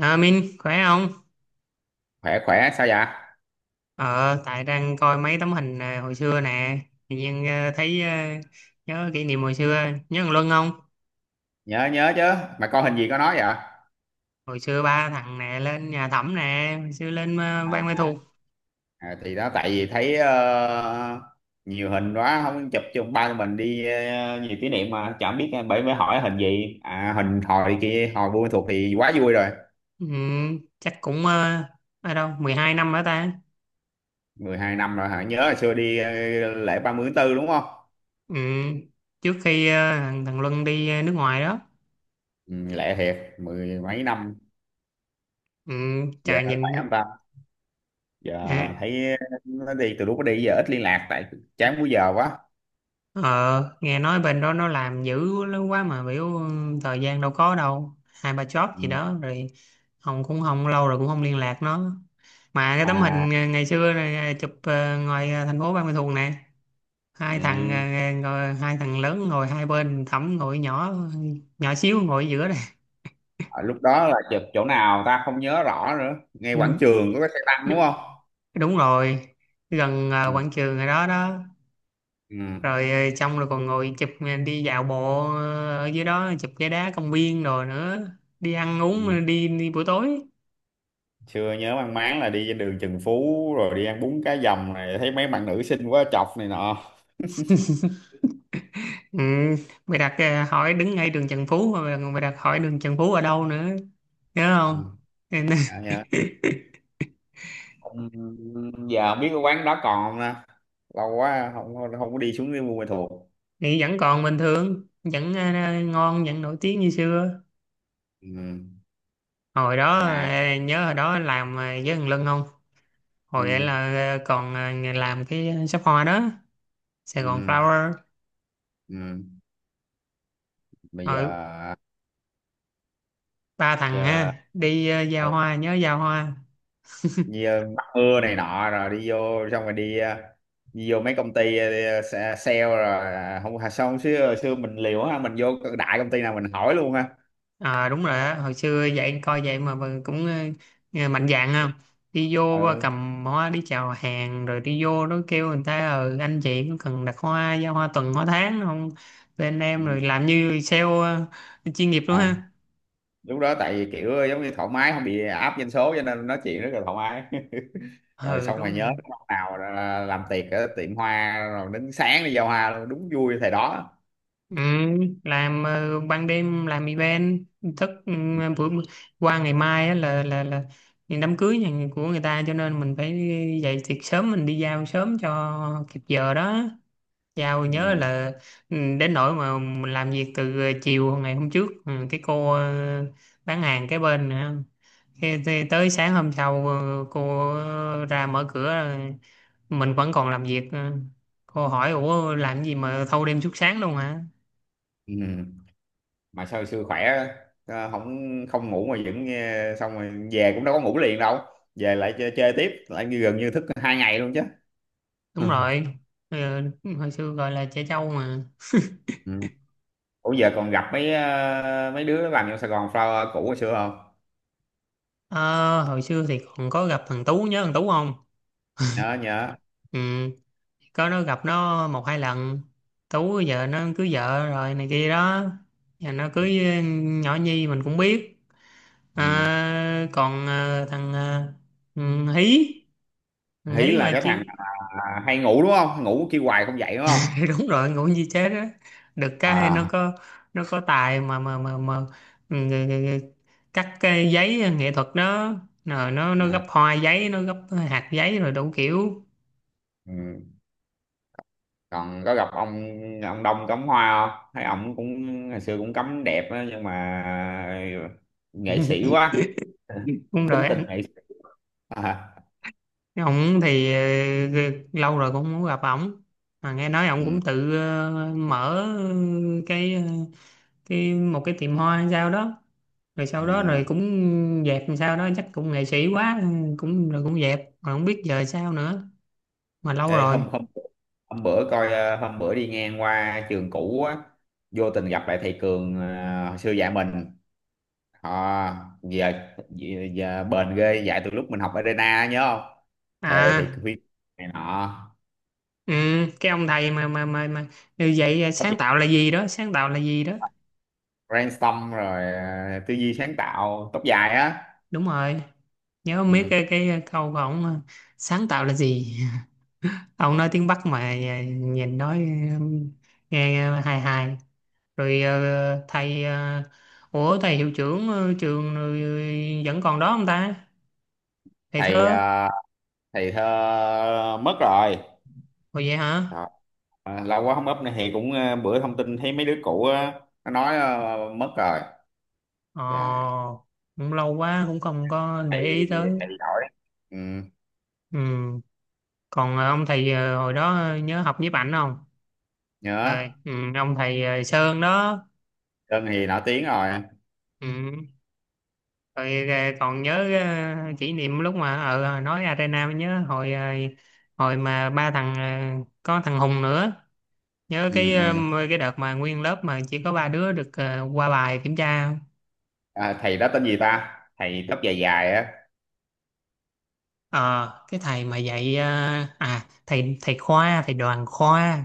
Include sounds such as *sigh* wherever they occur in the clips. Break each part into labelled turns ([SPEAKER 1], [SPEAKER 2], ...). [SPEAKER 1] À, Minh khỏe không?
[SPEAKER 2] Khỏe khỏe, sao vậy?
[SPEAKER 1] Ờ, tại đang coi mấy tấm hình hồi xưa nè, tự nhiên thấy nhớ kỷ niệm hồi xưa, nhớ thằng Luân không?
[SPEAKER 2] Nhớ, nhớ chứ. Mà coi hình gì có nói vậy?
[SPEAKER 1] Hồi xưa ba thằng nè lên nhà Thẩm nè, hồi xưa lên Ban Mê Thuộc,
[SPEAKER 2] À, thì đó tại vì thấy nhiều hình quá không chụp chung ba tụi mình đi, nhiều kỷ niệm mà chẳng biết, bởi mới hỏi hình gì. À, hình hồi kia hồi Buôn Ma Thuột thì quá vui rồi.
[SPEAKER 1] ừ, chắc cũng ở đâu 12 năm nữa ta.
[SPEAKER 2] 12 năm rồi hả? Nhớ hồi xưa đi, lễ 30 tháng tư đúng không?
[SPEAKER 1] Ừ, trước khi thằng thằng Luân đi nước ngoài đó,
[SPEAKER 2] Ừ, lễ thiệt mười mấy năm.
[SPEAKER 1] ừ,
[SPEAKER 2] Giờ
[SPEAKER 1] trời
[SPEAKER 2] nó khỏe
[SPEAKER 1] nhìn
[SPEAKER 2] không ta? Giờ
[SPEAKER 1] ờ,
[SPEAKER 2] thấy, nó đi từ lúc nó đi giờ ít liên lạc, tại chán múi giờ quá.
[SPEAKER 1] Ờ, nghe nói bên đó nó làm dữ lắm quá mà biểu thời gian đâu có đâu. Hai ba job gì
[SPEAKER 2] Ừ.
[SPEAKER 1] đó rồi không cũng không lâu rồi cũng không liên lạc nó. Mà cái tấm
[SPEAKER 2] Mà.
[SPEAKER 1] hình ngày xưa này, chụp ngoài thành phố Ban Ma Thuột nè. Hai thằng
[SPEAKER 2] Ừ.
[SPEAKER 1] ngồi, hai thằng lớn ngồi hai bên, Thẩm ngồi nhỏ nhỏ xíu ngồi ở giữa này.
[SPEAKER 2] À, lúc đó là chụp chỗ nào ta, không nhớ rõ nữa. Ngay
[SPEAKER 1] Ừ,
[SPEAKER 2] quảng trường có cái xe tăng đúng không?
[SPEAKER 1] đúng rồi, gần
[SPEAKER 2] Ừ.
[SPEAKER 1] quảng trường rồi đó đó.
[SPEAKER 2] Ừ.
[SPEAKER 1] Rồi xong rồi còn ngồi chụp đi dạo bộ ở dưới đó chụp cái đá công viên rồi nữa, đi ăn uống
[SPEAKER 2] Ừ.
[SPEAKER 1] đi đi buổi tối.
[SPEAKER 2] Chưa, nhớ mang máng là đi trên đường Trần Phú rồi đi ăn bún cá dầm này, thấy mấy bạn nữ xinh quá chọc này nọ.
[SPEAKER 1] Ừ, mày đặt hỏi đứng ngay đường Trần Phú mà mày đặt hỏi đường Trần Phú ở đâu nữa, nhớ
[SPEAKER 2] Ừ.
[SPEAKER 1] không? Nên-
[SPEAKER 2] Dạ,
[SPEAKER 1] *laughs*
[SPEAKER 2] dạ. Không- Giờ không biết cái quán đó còn không nè. Lâu quá không, không, không có đi xuống cái Buôn Ma Thuột.
[SPEAKER 1] thì vẫn còn bình thường vẫn ngon vẫn nổi tiếng như xưa.
[SPEAKER 2] Ừ.
[SPEAKER 1] Hồi đó
[SPEAKER 2] Mà.
[SPEAKER 1] nhớ hồi đó làm với thằng Lân không? Hồi ấy là
[SPEAKER 2] Ừ.
[SPEAKER 1] còn làm cái shop hoa đó, Sài Gòn
[SPEAKER 2] Ừ.
[SPEAKER 1] Flower.
[SPEAKER 2] Ừ. Bây
[SPEAKER 1] Rồi
[SPEAKER 2] giờ.
[SPEAKER 1] ba thằng ha
[SPEAKER 2] Giờ.
[SPEAKER 1] đi giao
[SPEAKER 2] Ừ.
[SPEAKER 1] hoa, nhớ giao hoa.
[SPEAKER 2] Đi, bắt mưa này nọ, rồi đi vô xong rồi đi, đi vô mấy công ty, sale rồi à, không à, xong xưa xưa mình liều ha, mình vô đại công ty nào mình hỏi luôn ha.
[SPEAKER 1] À, đúng rồi á, hồi xưa vậy coi vậy mà vẫn cũng nghe mạnh dạn
[SPEAKER 2] Dạ.
[SPEAKER 1] không? Đi vô
[SPEAKER 2] Ừ.
[SPEAKER 1] cầm hoa đi chào hàng rồi đi vô nó kêu người ta, ờ anh chị có cần đặt hoa giao hoa tuần hoa tháng không? Bên
[SPEAKER 2] Ừ.
[SPEAKER 1] em rồi làm như sale chuyên nghiệp luôn
[SPEAKER 2] À,
[SPEAKER 1] ha.
[SPEAKER 2] lúc đó tại vì kiểu giống như thoải mái, không bị áp doanh số cho nên nói chuyện rất là thoải mái. *laughs* Rồi
[SPEAKER 1] Ừ
[SPEAKER 2] xong rồi,
[SPEAKER 1] đúng
[SPEAKER 2] nhớ
[SPEAKER 1] rồi.
[SPEAKER 2] lúc nào là làm tiệc ở tiệm hoa rồi đến sáng đi giao hoa luôn, đúng vui thầy đó.
[SPEAKER 1] Ừ, làm ban đêm làm event, thức ừ,
[SPEAKER 2] Ừ.
[SPEAKER 1] bữa qua ngày mai á là đám cưới nhà của người ta cho nên mình phải dậy thiệt sớm, mình đi giao sớm cho kịp giờ đó. Giao nhớ
[SPEAKER 2] Ừ.
[SPEAKER 1] là ừ, đến nỗi mà mình làm việc từ chiều ngày hôm trước, ừ, cái cô bán hàng cái bên nữa. Khi tới sáng hôm sau cô ra mở cửa mình vẫn còn làm việc ờ. Cô hỏi ủa làm gì mà thâu đêm suốt sáng luôn hả.
[SPEAKER 2] Ừ. Mà sao hồi xưa khỏe, không, không ngủ mà vẫn nghe, xong rồi về cũng đâu có ngủ liền đâu, về lại chơi, chơi tiếp lại, như gần như thức 2 ngày luôn chứ.
[SPEAKER 1] Đúng
[SPEAKER 2] *laughs*
[SPEAKER 1] rồi, ờ, hồi xưa gọi là trẻ trâu mà.
[SPEAKER 2] Ừ. Ủa giờ còn gặp mấy đứa làm trong Sài Gòn Flower cũ hồi xưa không?
[SPEAKER 1] Ờ, hồi xưa thì còn có gặp thằng Tú, nhớ thằng Tú không?
[SPEAKER 2] Nhớ, nhớ.
[SPEAKER 1] Ừ. Có nó, gặp nó một hai lần. Tú giờ nó cưới vợ rồi này kia đó, giờ nó cưới ừ, nhỏ Nhi mình cũng biết.
[SPEAKER 2] Ừ.
[SPEAKER 1] À, còn thằng ừ, Hí, thằng
[SPEAKER 2] Hí
[SPEAKER 1] Hí
[SPEAKER 2] là
[SPEAKER 1] mà
[SPEAKER 2] cái thằng
[SPEAKER 1] chuyện.
[SPEAKER 2] à, hay ngủ đúng không? Ngủ kêu hoài không dậy đúng không?
[SPEAKER 1] *laughs* Đúng rồi, ngủ như chết đó. Được cái nó
[SPEAKER 2] À.
[SPEAKER 1] có, nó có tài mà ừ, ừ, ừ, cắt cái giấy nghệ thuật đó, rồi nó
[SPEAKER 2] Ừ.
[SPEAKER 1] gấp hoa giấy, nó gấp hạt giấy rồi đủ kiểu.
[SPEAKER 2] Ừ. Còn có gặp ông Đông cắm hoa không? Thấy ông cũng hồi xưa cũng cắm đẹp á nhưng mà nghệ sĩ quá.
[SPEAKER 1] Ừ,
[SPEAKER 2] *laughs*
[SPEAKER 1] đúng
[SPEAKER 2] Tính
[SPEAKER 1] rồi.
[SPEAKER 2] tình nghệ sĩ. À.
[SPEAKER 1] Ông thì lâu rồi cũng muốn gặp ổng, mà nghe nói ông cũng
[SPEAKER 2] Ừ,
[SPEAKER 1] tự mở cái cái một cái tiệm hoa hay sao đó, rồi sau đó rồi
[SPEAKER 2] ừ.
[SPEAKER 1] cũng dẹp làm sao đó, chắc cũng nghệ sĩ quá, cũng rồi cũng dẹp mà không biết giờ sao nữa, mà lâu
[SPEAKER 2] Ê,
[SPEAKER 1] rồi.
[SPEAKER 2] hôm hôm hôm bữa coi, hôm bữa đi ngang qua trường cũ á, vô tình gặp lại thầy Cường, hồi xưa dạy mình. Họ, giờ, giờ, giờ bền ghê, dạy từ lúc mình học Arena á, nhớ không? Thầy thầy Huy
[SPEAKER 1] À
[SPEAKER 2] này nọ,
[SPEAKER 1] ừ, cái ông thầy mà như vậy,
[SPEAKER 2] tóc
[SPEAKER 1] sáng
[SPEAKER 2] dài.
[SPEAKER 1] tạo là gì đó, sáng tạo là gì đó.
[SPEAKER 2] Brainstorm rồi, tư duy sáng tạo, tóc dài á.
[SPEAKER 1] Đúng rồi, nhớ biết
[SPEAKER 2] Ừ.
[SPEAKER 1] cái câu của ổng mà, sáng tạo là gì. Ông nói tiếng Bắc mà nhìn nói um, nghe hài hài. Rồi thầy ủa thầy hiệu trưởng trường vẫn còn đó không ta, thầy
[SPEAKER 2] Thầy
[SPEAKER 1] thơ.
[SPEAKER 2] ờ, thầy thơ mất rồi.
[SPEAKER 1] Rồi vậy hả.
[SPEAKER 2] Ờ, lâu quá không up này thì cũng, bữa thông tin thấy mấy đứa cũ á nó nói mất rồi.
[SPEAKER 1] Ờ
[SPEAKER 2] Trời,
[SPEAKER 1] cũng lâu quá cũng không có để
[SPEAKER 2] thầy
[SPEAKER 1] ý tới.
[SPEAKER 2] thầy giỏi. Ừ.
[SPEAKER 1] Ừ. Còn ông thầy hồi đó nhớ học nhiếp ảnh không?
[SPEAKER 2] Nhớ.
[SPEAKER 1] Rồi, ừ, ông thầy Sơn đó.
[SPEAKER 2] Sơn thì nổi tiếng rồi.
[SPEAKER 1] Ừ. Rồi còn nhớ kỷ niệm lúc mà ở nói Arena, mới nhớ hồi hồi mà ba thằng có thằng Hùng nữa, nhớ
[SPEAKER 2] Ừ,
[SPEAKER 1] cái
[SPEAKER 2] ừ.
[SPEAKER 1] cái đợt mà nguyên lớp mà chỉ có ba đứa được qua bài kiểm tra không?
[SPEAKER 2] À, thầy đó tên gì ta, thầy tóc dài dài á,
[SPEAKER 1] Ờ cái thầy mà dạy à thầy thầy khoa, thầy đoàn khoa.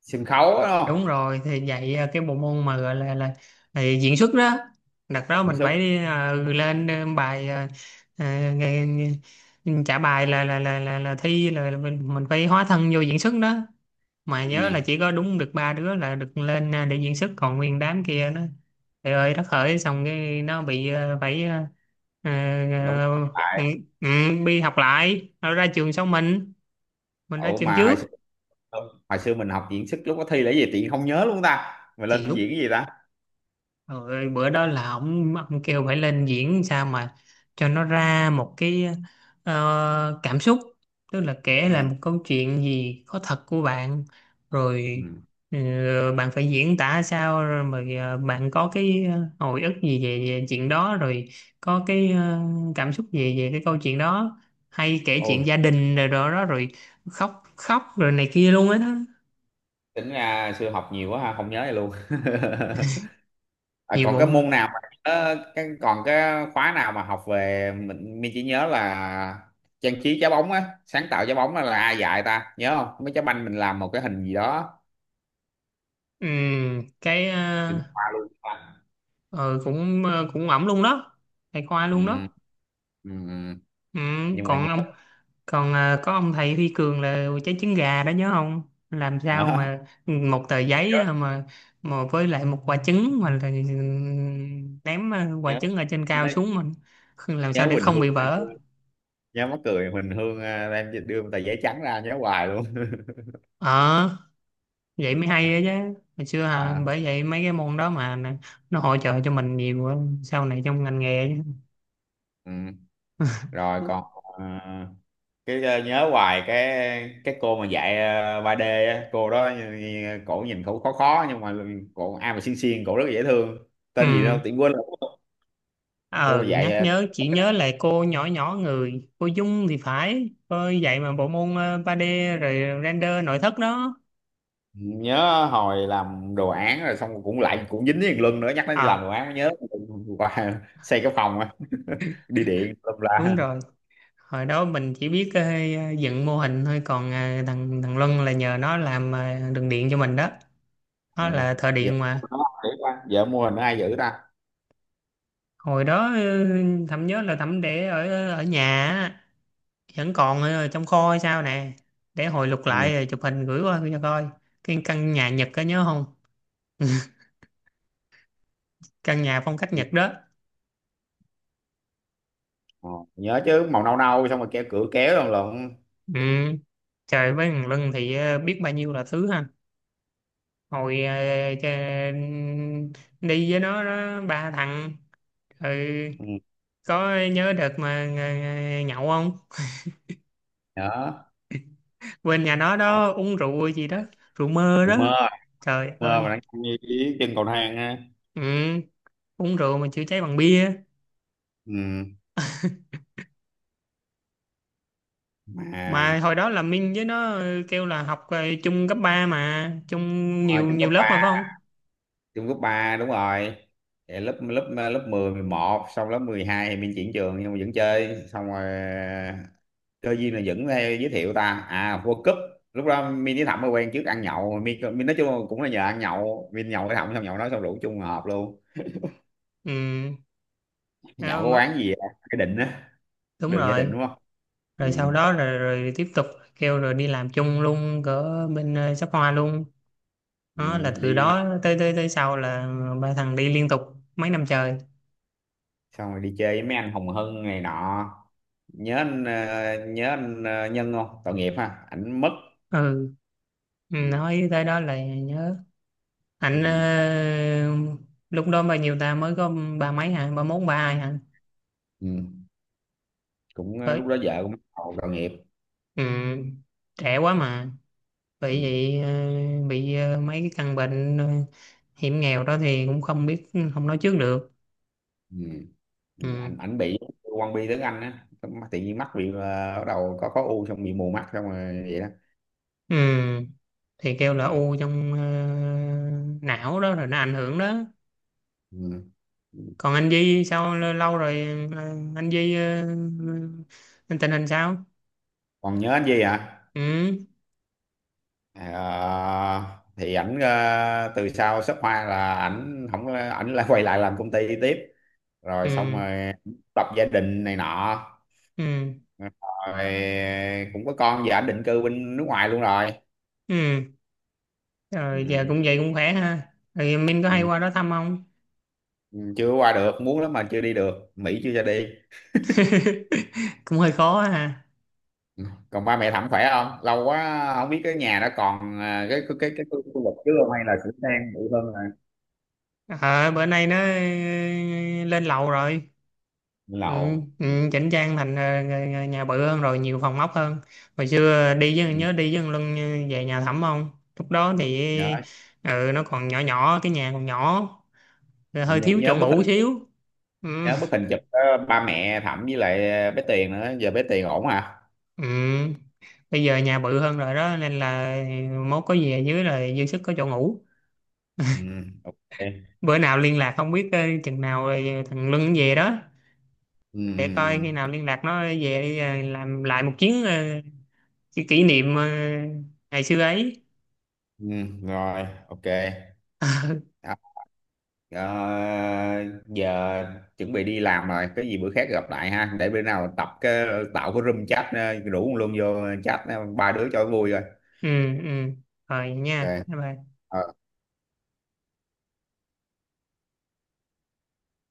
[SPEAKER 2] sân khấu á, đúng
[SPEAKER 1] Đúng
[SPEAKER 2] không?
[SPEAKER 1] rồi, thì dạy cái bộ môn mà gọi là diễn xuất đó. Đặt đó
[SPEAKER 2] Diễn
[SPEAKER 1] mình
[SPEAKER 2] xuất.
[SPEAKER 1] phải đi lên bài ờ, trả bài là thi là mình phải hóa thân vô diễn xuất đó. Mà nhớ
[SPEAKER 2] Ừ,
[SPEAKER 1] là chỉ có đúng được ba đứa là được lên để diễn xuất, còn nguyên đám kia nó trời ơi đất hỡi, xong cái nó bị phải ờ,
[SPEAKER 2] đúng.
[SPEAKER 1] ờ,
[SPEAKER 2] Tại
[SPEAKER 1] ừ, ừ, đi học lại, nó ra trường sau mình ra
[SPEAKER 2] ủa
[SPEAKER 1] trường
[SPEAKER 2] mà hồi
[SPEAKER 1] trước.
[SPEAKER 2] xưa hồi xưa mình học diễn xuất lúc có thi là cái gì tiện không nhớ luôn ta, mà
[SPEAKER 1] Thì
[SPEAKER 2] lên diễn
[SPEAKER 1] lúc
[SPEAKER 2] cái gì ta?
[SPEAKER 1] rồi bữa đó là ông kêu phải lên diễn sao mà cho nó ra một cái cảm xúc, tức là kể lại
[SPEAKER 2] Ừ,
[SPEAKER 1] một câu chuyện gì có thật của bạn
[SPEAKER 2] ừ.
[SPEAKER 1] rồi ờ, bạn phải diễn tả sao rồi mà bạn có cái hồi ức gì về, về chuyện đó rồi có cái cảm xúc gì về cái câu chuyện đó, hay kể
[SPEAKER 2] Ôi
[SPEAKER 1] chuyện gia đình rồi đó, đó rồi khóc khóc rồi này kia luôn á đó.
[SPEAKER 2] tính ra xưa học nhiều quá ha, không nhớ gì luôn. *laughs* À,
[SPEAKER 1] Nhiều
[SPEAKER 2] còn
[SPEAKER 1] bộ
[SPEAKER 2] cái
[SPEAKER 1] môn.
[SPEAKER 2] môn nào mà, còn cái khóa nào mà học về mình chỉ nhớ là trang trí trái bóng á, sáng tạo trái bóng á là ai dạy ta, nhớ không? Mấy trái banh mình làm một cái hình gì đó
[SPEAKER 1] ừ, cái
[SPEAKER 2] chuyển
[SPEAKER 1] ờ,
[SPEAKER 2] qua luôn ta.
[SPEAKER 1] ờ, Cũng cũng ổng luôn đó, thầy khoa luôn
[SPEAKER 2] Ừ,
[SPEAKER 1] đó.
[SPEAKER 2] ừ, ừ.
[SPEAKER 1] Ừ,
[SPEAKER 2] Nhưng mà
[SPEAKER 1] còn
[SPEAKER 2] nhớ
[SPEAKER 1] ông, còn có ông thầy Huy Cường là trái trứng gà đó, nhớ không? Làm sao
[SPEAKER 2] nhớ
[SPEAKER 1] mà một tờ giấy
[SPEAKER 2] nhớ
[SPEAKER 1] mà với lại một quả trứng mà là ném quả
[SPEAKER 2] nhớ,
[SPEAKER 1] trứng ở trên cao xuống, mình làm sao
[SPEAKER 2] nhớ,
[SPEAKER 1] để
[SPEAKER 2] Quỳnh
[SPEAKER 1] không
[SPEAKER 2] Hương
[SPEAKER 1] bị
[SPEAKER 2] anh,
[SPEAKER 1] vỡ.
[SPEAKER 2] nhớ mắc cười Quỳnh Hương em đưa tờ giấy trắng ra, nhớ hoài luôn. *laughs*
[SPEAKER 1] Ờ vậy mới hay đó chứ, hồi xưa
[SPEAKER 2] À,
[SPEAKER 1] bởi vậy mấy cái môn đó mà nó hỗ trợ cho mình nhiều á, sau này trong ngành nghề
[SPEAKER 2] ừ. Rồi
[SPEAKER 1] chứ.
[SPEAKER 2] còn, ờ, nhớ hoài cái cô mà dạy 3D á, cô đó cổ nhìn cổ khó khó nhưng mà cổ ai mà xinh xinh, cổ rất là dễ thương,
[SPEAKER 1] Ừ
[SPEAKER 2] tên gì đâu tiện quên rồi. Cô
[SPEAKER 1] ờ
[SPEAKER 2] mà dạy,
[SPEAKER 1] nhắc nhớ, chỉ nhớ lại cô nhỏ nhỏ người, cô Dung thì phải, cô dạy mà bộ môn 3D rồi render nội thất đó.
[SPEAKER 2] nhớ hồi làm đồ án rồi xong cũng lại cũng dính với thằng Luân nữa, nhắc đến làm đồ
[SPEAKER 1] Ờ
[SPEAKER 2] án nhớ. Qua *laughs* xây cái phòng á *laughs* đi điện lâm
[SPEAKER 1] đúng
[SPEAKER 2] la.
[SPEAKER 1] rồi, hồi đó mình chỉ biết dựng mô hình thôi, còn thằng thằng Luân là nhờ nó làm đường điện cho mình đó, nó
[SPEAKER 2] Ừ.
[SPEAKER 1] là thợ
[SPEAKER 2] Dạ,
[SPEAKER 1] điện mà.
[SPEAKER 2] nó để qua. Vợ mua hình ai giữ ta?
[SPEAKER 1] Hồi đó thẩm nhớ là thẩm để ở ở nhà á, vẫn còn ở trong kho hay sao nè, để hồi lục lại
[SPEAKER 2] Ừ.
[SPEAKER 1] rồi chụp hình gửi qua cho coi. Cái căn nhà Nhật có nhớ không, căn nhà phong cách
[SPEAKER 2] Ừ.
[SPEAKER 1] Nhật đó.
[SPEAKER 2] Ờ, nhớ chứ, màu nâu nâu xong rồi keo cửa kéo lần lần.
[SPEAKER 1] Ừ trời, với thằng Lân thì biết bao nhiêu là thứ ha. Hồi cha- đi với nó ba thằng rồi,
[SPEAKER 2] Ừ.
[SPEAKER 1] có nhớ đợt mà nhậu không?
[SPEAKER 2] Nhớ.
[SPEAKER 1] *laughs* Quên nhà nó
[SPEAKER 2] Ờ,
[SPEAKER 1] đó uống rượu gì đó, rượu mơ
[SPEAKER 2] cũng
[SPEAKER 1] đó.
[SPEAKER 2] mơ,
[SPEAKER 1] Trời
[SPEAKER 2] mơ
[SPEAKER 1] ơi.
[SPEAKER 2] mà đang như ý trên cầu thang á.
[SPEAKER 1] Ừ, uống rượu mà chữa cháy bằng bia.
[SPEAKER 2] Ừ. Mà.
[SPEAKER 1] Mà hồi đó là Minh với nó kêu là học chung cấp 3 mà, chung
[SPEAKER 2] Ờ,
[SPEAKER 1] nhiều
[SPEAKER 2] trong
[SPEAKER 1] nhiều
[SPEAKER 2] cấp
[SPEAKER 1] lớp
[SPEAKER 2] ba,
[SPEAKER 1] mà phải không?
[SPEAKER 2] trong cấp ba đúng rồi. Thì lớp lớp lớp mười, mười một, xong lớp 12 thì mình chuyển trường nhưng mà vẫn chơi. Xong rồi, cơ duyên là vẫn hay giới thiệu ta. À, World Cup lúc đó mình với Thẩm mới quen, trước ăn nhậu, mình nói chung là cũng là nhờ ăn nhậu, mình nhậu với Thẩm xong nhậu nói xong rủ chung hợp luôn.
[SPEAKER 1] Ừ,
[SPEAKER 2] Nhậu
[SPEAKER 1] đâu
[SPEAKER 2] có
[SPEAKER 1] mà-
[SPEAKER 2] quán gì vậy? Cái định á,
[SPEAKER 1] đúng
[SPEAKER 2] đường Gia Định
[SPEAKER 1] rồi.
[SPEAKER 2] đúng không? Ừ,
[SPEAKER 1] Rồi sau đó rồi, rồi tiếp tục kêu rồi đi làm chung luôn cỡ bên shop hoa luôn,
[SPEAKER 2] ừ,
[SPEAKER 1] đó là từ
[SPEAKER 2] đi
[SPEAKER 1] đó tới tới tới sau là ba thằng đi liên tục mấy năm trời.
[SPEAKER 2] xong rồi đi chơi với mấy anh Hồng Hân này nọ. Nhớ anh, Nhân không? Tội nghiệp ha, ảnh mất.
[SPEAKER 1] Ừ ừ,
[SPEAKER 2] Ừ.
[SPEAKER 1] nói tới đó là nhớ
[SPEAKER 2] Ừ.
[SPEAKER 1] ảnh lúc đó bao nhiêu ta, mới có ba mấy hả, ba mốt ba hai hả.
[SPEAKER 2] Ừ. Cũng,
[SPEAKER 1] Tới,
[SPEAKER 2] lúc đó vợ cũng bắt đầu tội nghiệp.
[SPEAKER 1] ừ, trẻ quá mà,
[SPEAKER 2] Ừ.
[SPEAKER 1] bị vậy bị mấy cái căn bệnh hiểm nghèo đó thì cũng không biết, không nói trước được.
[SPEAKER 2] Ừ. Ừ.
[SPEAKER 1] Ừ.
[SPEAKER 2] ảnh ảnh bị quan bi tiếng Anh á. Mà tự nhiên mắt bị, bắt đầu có u, xong bị mù mắt xong rồi vậy đó.
[SPEAKER 1] Ừ. Thì kêu là
[SPEAKER 2] Ừ.
[SPEAKER 1] u trong não đó rồi nó ảnh hưởng đó.
[SPEAKER 2] Ừ.
[SPEAKER 1] Còn anh Di sao, lâu rồi ờ, anh Di tình hình sao.
[SPEAKER 2] Còn nhớ anh gì hả?
[SPEAKER 1] Ừ
[SPEAKER 2] Ờ, thì ảnh, từ sau shop hoa là ảnh không có- ảnh lại quay lại làm công ty tiếp, rồi xong
[SPEAKER 1] ừ
[SPEAKER 2] rồi lập gia đình này nọ,
[SPEAKER 1] ừ
[SPEAKER 2] rồi cũng có con, giờ anh định cư bên nước ngoài luôn rồi.
[SPEAKER 1] ừ rồi giờ
[SPEAKER 2] Ừ.
[SPEAKER 1] cũng vậy cũng khỏe ha, rồi Minh có hay
[SPEAKER 2] Ừ.
[SPEAKER 1] qua đó thăm không?
[SPEAKER 2] Ừ, chưa qua được, muốn lắm mà chưa đi được, Mỹ chưa cho đi.
[SPEAKER 1] *laughs* Cũng hơi khó ha.
[SPEAKER 2] Ừ. Còn ba mẹ thẩm khỏe không, lâu quá không biết cái nhà đó còn à, cái khu khu vực trước không, hay là sửa sang bự hơn rồi?
[SPEAKER 1] Ờ bữa nay nó lên lầu rồi. Ừ,
[SPEAKER 2] Lậu. Ừ.
[SPEAKER 1] ừ, chỉnh trang thành nhà nhà bự hơn rồi, nhiều phòng ốc hơn. Hồi xưa đi
[SPEAKER 2] Ừ.
[SPEAKER 1] với, nhớ đi với thằng Luân về nhà thẩm không? Lúc đó thì
[SPEAKER 2] nhớ
[SPEAKER 1] ừ, nó còn nhỏ nhỏ, cái nhà còn nhỏ, rồi hơi
[SPEAKER 2] nhớ
[SPEAKER 1] thiếu
[SPEAKER 2] nhớ
[SPEAKER 1] chỗ
[SPEAKER 2] bức
[SPEAKER 1] ngủ
[SPEAKER 2] hình
[SPEAKER 1] xíu. Ừ,
[SPEAKER 2] nhớ bức hình chụp đó, ba mẹ thẩm với lại bé Tiền nữa. Giờ bé Tiền ổn hả?
[SPEAKER 1] ừ. Bây giờ nhà bự hơn rồi đó nên là mốt có gì ở dưới là dư sức có chỗ ngủ.
[SPEAKER 2] Ừ. OK. Ừ.
[SPEAKER 1] Bữa nào liên lạc không biết chừng nào thằng Luân về đó,
[SPEAKER 2] Ừ,
[SPEAKER 1] để coi khi nào
[SPEAKER 2] ừ.
[SPEAKER 1] liên lạc nó về đi, ờ, làm lại một chuyến kỷ niệm ngày xưa ấy.
[SPEAKER 2] Ừ, rồi OK. Ờ, giờ chuẩn bị đi làm rồi, cái gì bữa khác gặp lại ha. Để bữa nào tập cái, tạo cái room chat, rủ luôn vô chat, ba đứa cho vui rồi.
[SPEAKER 1] Ừ ừ rồi nha,
[SPEAKER 2] OK.
[SPEAKER 1] bye bye.
[SPEAKER 2] Ờ,